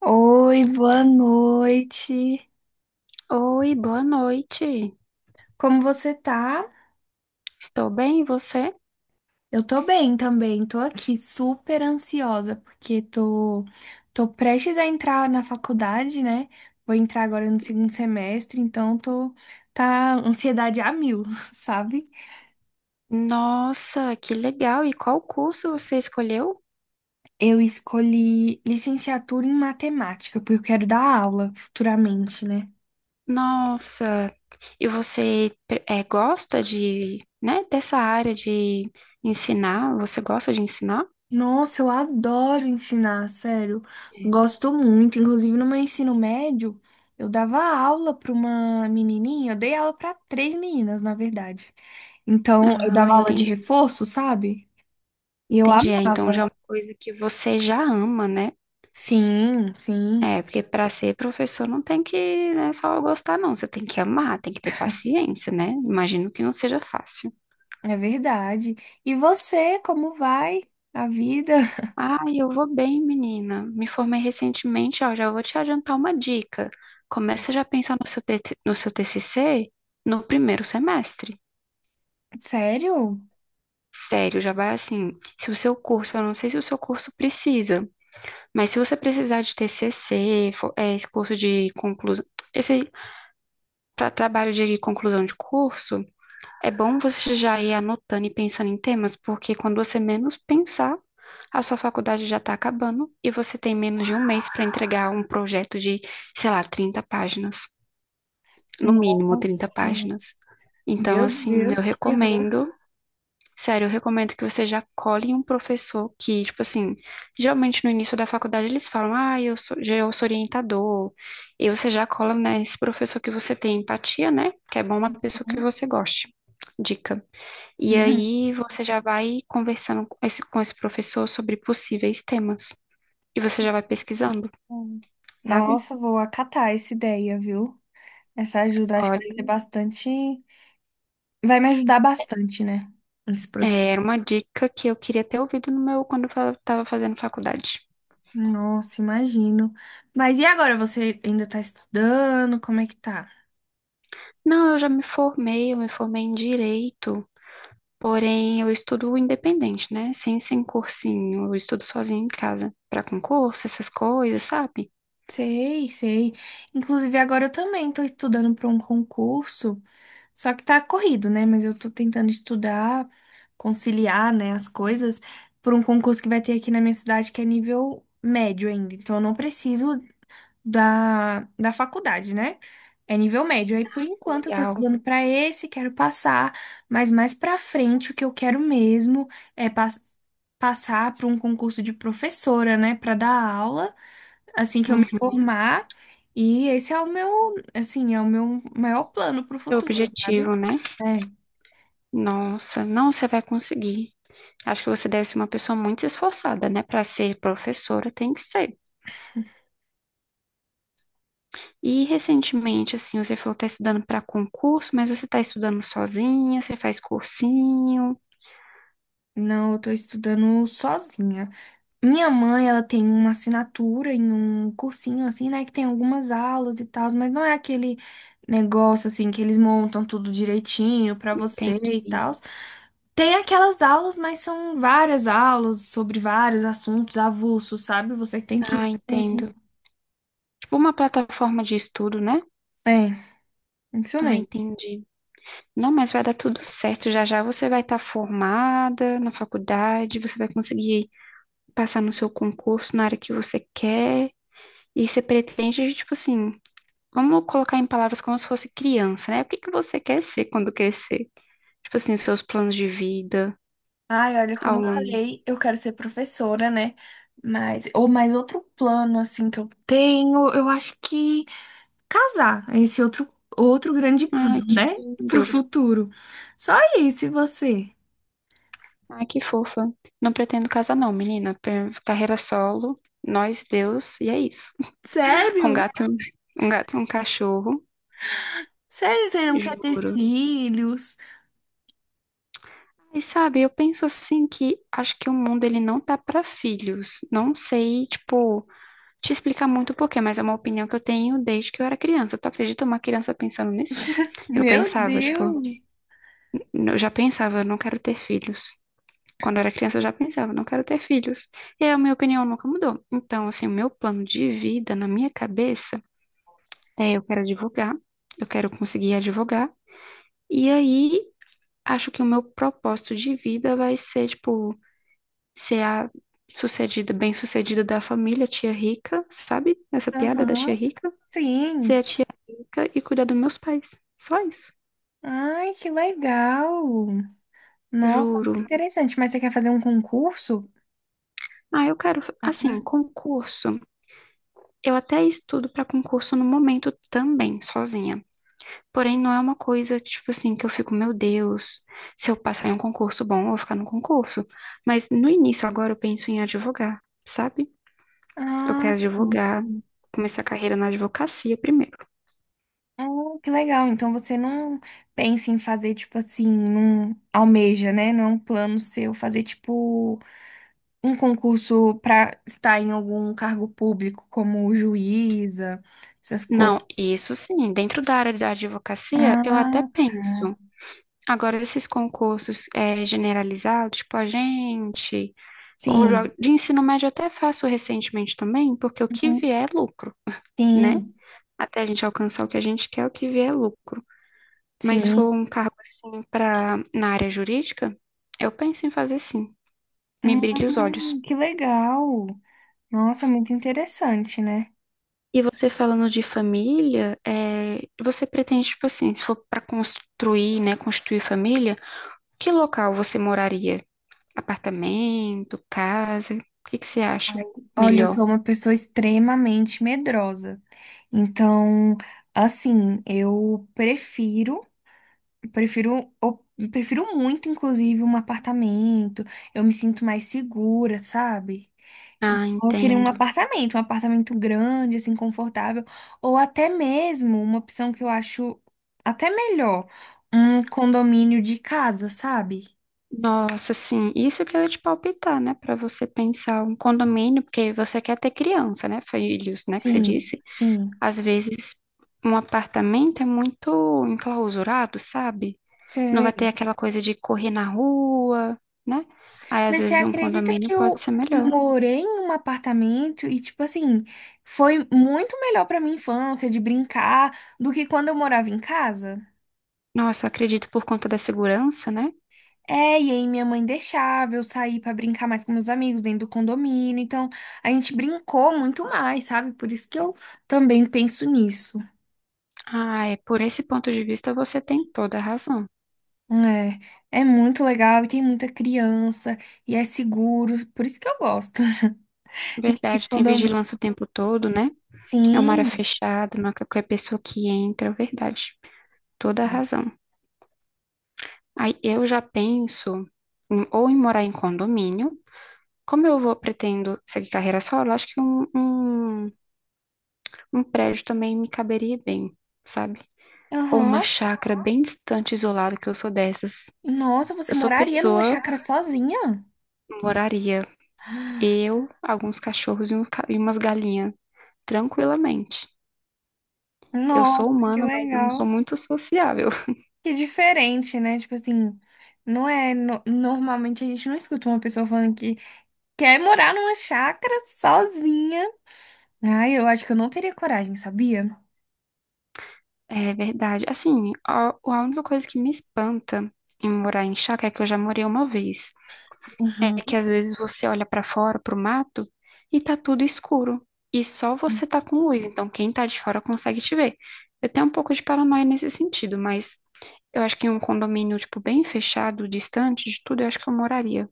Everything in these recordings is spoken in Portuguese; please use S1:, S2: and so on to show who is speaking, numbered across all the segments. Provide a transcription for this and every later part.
S1: Oi, boa noite.
S2: Oi, boa noite.
S1: Como você tá?
S2: Estou bem, e você?
S1: Eu tô bem também, tô aqui super ansiosa porque tô prestes a entrar na faculdade, né? Vou entrar agora no segundo semestre, então tô tá ansiedade a mil, sabe?
S2: Nossa, que legal! E qual curso você escolheu?
S1: Eu escolhi licenciatura em matemática porque eu quero dar aula futuramente, né?
S2: Nossa, e você gosta de, né, dessa área de ensinar? Você gosta de ensinar?
S1: Nossa, eu adoro ensinar, sério. Gosto muito. Inclusive, no meu ensino médio, eu dava aula para uma menininha. Eu dei aula para três meninas, na verdade. Então, eu
S2: Ah,
S1: dava aula de
S2: entendi.
S1: reforço, sabe? E eu
S2: Entendi. É, então já
S1: amava.
S2: é uma coisa que você já ama, né?
S1: Sim, sim,
S2: É, porque para ser professor não tem que, né, só gostar, não. Você tem que amar, tem que ter paciência, né? Imagino que não seja fácil.
S1: é verdade. E você, como vai a vida?
S2: Ai, eu vou bem, menina. Me formei recentemente, ó, já vou te adiantar uma dica. Começa já a pensar no seu, TT no seu TCC no primeiro semestre.
S1: Sério?
S2: Sério, já vai assim. Se o seu curso, eu não sei se o seu curso precisa, mas se você precisar de TCC, é, esse curso de conclusão, esse para trabalho de conclusão de curso, é bom você já ir anotando e pensando em temas, porque quando você menos pensar, a sua faculdade já está acabando e você tem menos de um mês para entregar um projeto de, sei lá, 30 páginas, no mínimo 30
S1: Nossa,
S2: páginas. Então,
S1: meu
S2: assim, eu
S1: Deus, que terror.
S2: recomendo, sério, eu recomendo que você já cole em um professor que, tipo assim, geralmente no início da faculdade eles falam, ah, eu sou, eu sou orientador, e você já cola nesse professor que você tem empatia, né? Que é bom uma pessoa que
S1: Uhum.
S2: você goste. Dica. E aí você já vai conversando com esse professor sobre possíveis temas. E você já vai pesquisando, sabe?
S1: Nossa, vou acatar essa ideia, viu? Essa ajuda, acho que vai ser
S2: Olha,
S1: bastante. Vai me ajudar bastante, né? Esse processo.
S2: é, era uma dica que eu queria ter ouvido no meu quando eu estava fazendo faculdade.
S1: Nossa, imagino. Mas e agora? Você ainda tá estudando? Como é que tá?
S2: Não, eu já me formei, eu me formei em direito, porém eu estudo independente, né? Sem cursinho, eu estudo sozinha em casa, para concurso, essas coisas, sabe?
S1: Sei, sei. Inclusive, agora eu também tô estudando para um concurso. Só que tá corrido, né? Mas eu tô tentando estudar, conciliar, né, as coisas para um concurso que vai ter aqui na minha cidade que é nível médio ainda. Então eu não preciso da faculdade, né? É nível médio. Aí, por enquanto, eu tô
S2: Legal.
S1: estudando pra esse, quero passar, mas mais pra frente, o que eu quero mesmo é passar para um concurso de professora, né, pra dar aula, assim que eu me
S2: Uhum.
S1: formar. E esse é o meu, assim, é o meu maior plano pro
S2: Seu
S1: futuro, sabe?
S2: objetivo, né?
S1: É,
S2: Nossa, não, você vai conseguir. Acho que você deve ser uma pessoa muito esforçada, né? Para ser professora, tem que ser. E recentemente, assim, você falou que está estudando para concurso, mas você está estudando sozinha, você faz cursinho.
S1: não, eu tô estudando sozinha. Minha mãe, ela tem uma assinatura em um cursinho assim, né, que tem algumas aulas e tal, mas não é aquele negócio assim que eles montam tudo direitinho pra você e
S2: Entendi.
S1: tal. Tem aquelas aulas, mas são várias aulas sobre vários assuntos avulsos, sabe? Você tem
S2: Ah,
S1: que
S2: entendo. Tipo uma plataforma de estudo, né?
S1: é, isso
S2: Ah,
S1: mesmo.
S2: entendi. Não, mas vai dar tudo certo. Já já você vai estar formada na faculdade, você vai conseguir passar no seu concurso na área que você quer. E você pretende, tipo assim, vamos colocar em palavras como se fosse criança, né? O que que você quer ser quando crescer? Tipo assim, os seus planos de vida
S1: Ai, olha, como
S2: ao
S1: eu
S2: longo.
S1: falei, eu quero ser professora, né? Mas, ou mais outro plano, assim, que eu tenho, eu acho que casar. É, esse é outro, outro grande
S2: Ai,
S1: plano,
S2: que
S1: né?
S2: lindo.
S1: Pro futuro. Só isso, e você?
S2: Ai, que fofa. Não pretendo casar, não, menina. Carreira solo, nós, Deus, e é isso. Um
S1: Sério?
S2: gato, um gato, e um cachorro,
S1: Sério, você não quer ter
S2: juro.
S1: filhos?
S2: E sabe, eu penso assim que acho que o mundo ele não tá pra filhos. Não sei, tipo, te explicar muito o porquê, mas é uma opinião que eu tenho desde que eu era criança. Tu acredita uma criança pensando nisso? Eu
S1: Meu
S2: pensava, tipo,
S1: Deus!
S2: eu já pensava, não quero ter filhos. Quando eu era criança, eu já pensava, não quero ter filhos. E a minha opinião nunca mudou. Então, assim, o meu plano de vida na minha cabeça é eu quero advogar, eu quero conseguir advogar. E aí, acho que o meu propósito de vida vai ser, tipo, ser a sucedida, bem-sucedida da família, tia rica, sabe? Essa piada da tia
S1: Aham,
S2: rica? Ser
S1: sim.
S2: a tia rica e cuidar dos meus pais. Só isso.
S1: Ai, que legal! Nossa, muito
S2: Juro.
S1: interessante. Mas você quer fazer um concurso?
S2: Ah, eu quero,
S1: Passar?
S2: assim, concurso. Eu até estudo para concurso no momento também, sozinha. Porém, não é uma coisa, tipo assim, que eu fico, meu Deus, se eu passar em um concurso bom, eu vou ficar no concurso. Mas no início, agora, eu penso em advogar, sabe? Eu
S1: Ah,
S2: quero
S1: sim.
S2: advogar, começar a carreira na advocacia primeiro.
S1: Ah, que legal. Então você não pensa em fazer, tipo assim, não almeja, né? Não é um plano seu fazer, tipo, um concurso para estar em algum cargo público, como juíza, essas coisas.
S2: Não, isso sim, dentro da área da advocacia, eu até
S1: Ah, tá.
S2: penso. Agora, esses concursos generalizados, tipo agente, ou
S1: Sim.
S2: de ensino médio, eu até faço recentemente também, porque o que
S1: Uhum.
S2: vier é lucro né?
S1: Sim,
S2: Até a gente alcançar o que a gente quer, o que vier é lucro. Mas se
S1: sim.
S2: for um cargo assim para na área jurídica, eu penso em fazer sim. Me brilha os olhos.
S1: Que legal. Nossa, muito interessante, né?
S2: E você falando de família, é, você pretende, tipo assim, se for para construir, né, construir família, que local você moraria? Apartamento, casa? O que que você acha
S1: Olha, eu
S2: melhor?
S1: sou uma pessoa extremamente medrosa. Então, assim, eu prefiro muito, inclusive, um apartamento. Eu me sinto mais segura, sabe?
S2: Ah,
S1: Eu queria
S2: entendo.
S1: um apartamento grande, assim, confortável, ou até mesmo uma opção que eu acho até melhor, um condomínio de casa, sabe?
S2: Nossa, sim, isso que eu ia te palpitar, né? Para você pensar um condomínio, porque você quer ter criança, né? Filhos, né? Que você
S1: Sim,
S2: disse.
S1: sim.
S2: Às vezes, um apartamento é muito enclausurado, sabe? Não vai ter
S1: Sei.
S2: aquela coisa de correr na rua, né? Aí, às
S1: Mas você
S2: vezes, um
S1: acredita
S2: condomínio
S1: que
S2: pode
S1: eu
S2: ser melhor.
S1: morei em um apartamento e, tipo assim, foi muito melhor pra minha infância de brincar do que quando eu morava em casa?
S2: Nossa, eu acredito por conta da segurança, né?
S1: É, e aí minha mãe deixava eu sair pra brincar mais com meus amigos dentro do condomínio. Então, a gente brincou muito mais, sabe? Por isso que eu também penso nisso.
S2: Ah, é por esse ponto de vista você tem toda a razão.
S1: É, é muito legal e tem muita criança e é seguro. Por isso que eu gosto de
S2: Verdade, tem
S1: condomínio.
S2: vigilância o tempo todo, né? É uma área
S1: Sim.
S2: fechada, não é qualquer pessoa que entra, é verdade. Toda a razão. Aí eu já penso ou em morar em condomínio. Como eu vou pretendo seguir carreira solo, acho que um prédio também me caberia bem, sabe? Ou uma
S1: Aham.
S2: chácara bem distante, isolada, que eu sou dessas.
S1: Nossa, você
S2: Eu sou
S1: moraria numa
S2: pessoa,
S1: chácara sozinha?
S2: moraria eu, alguns cachorros e, e umas galinhas, tranquilamente. Eu sou
S1: Nossa, que
S2: humana, mas eu não sou
S1: legal.
S2: muito sociável.
S1: Que diferente, né? Tipo assim, não é. Normalmente a gente não escuta uma pessoa falando que quer morar numa chácara sozinha? Ai, eu acho que eu não teria coragem, sabia?
S2: É verdade. Assim, a única coisa que me espanta em morar em chácara é que eu já morei uma vez. É que
S1: Uhum.
S2: às vezes você olha para fora, pro mato, e tá tudo escuro. E só você tá com luz, então quem tá de fora consegue te ver. Eu tenho um pouco de paranoia nesse sentido, mas eu acho que em um condomínio, tipo, bem fechado, distante de tudo, eu acho que eu moraria.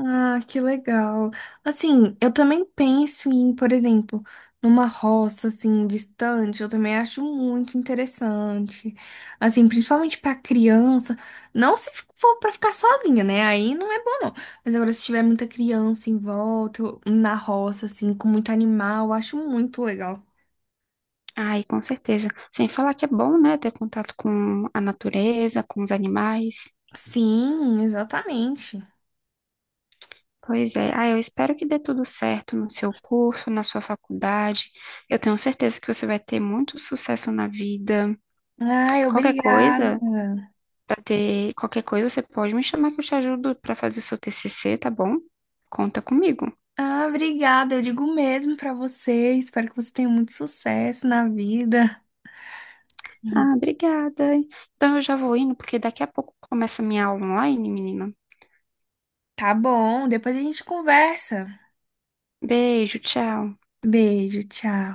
S1: Ah, que legal. Assim, eu também penso em, por exemplo, numa roça assim distante, eu também acho muito interessante. Assim, principalmente pra criança, não se for pra ficar sozinha, né? Aí não é bom não. Mas agora se tiver muita criança em volta, na roça assim, com muito animal, eu acho muito legal.
S2: Ai, com certeza. Sem falar que é bom, né, ter contato com a natureza, com os animais.
S1: Sim, exatamente.
S2: Pois é. Ah, eu espero que dê tudo certo no seu curso, na sua faculdade. Eu tenho certeza que você vai ter muito sucesso na vida.
S1: Ai,
S2: Qualquer coisa,
S1: obrigada.
S2: pra ter qualquer coisa, você pode me chamar que eu te ajudo pra fazer seu TCC, tá bom? Conta comigo.
S1: Ah, obrigada. Eu digo o mesmo pra você. Espero que você tenha muito sucesso na vida.
S2: Ah, obrigada. Então eu já vou indo, porque daqui a pouco começa a minha aula online, menina.
S1: Tá bom, depois a gente conversa.
S2: Beijo, tchau.
S1: Beijo, tchau.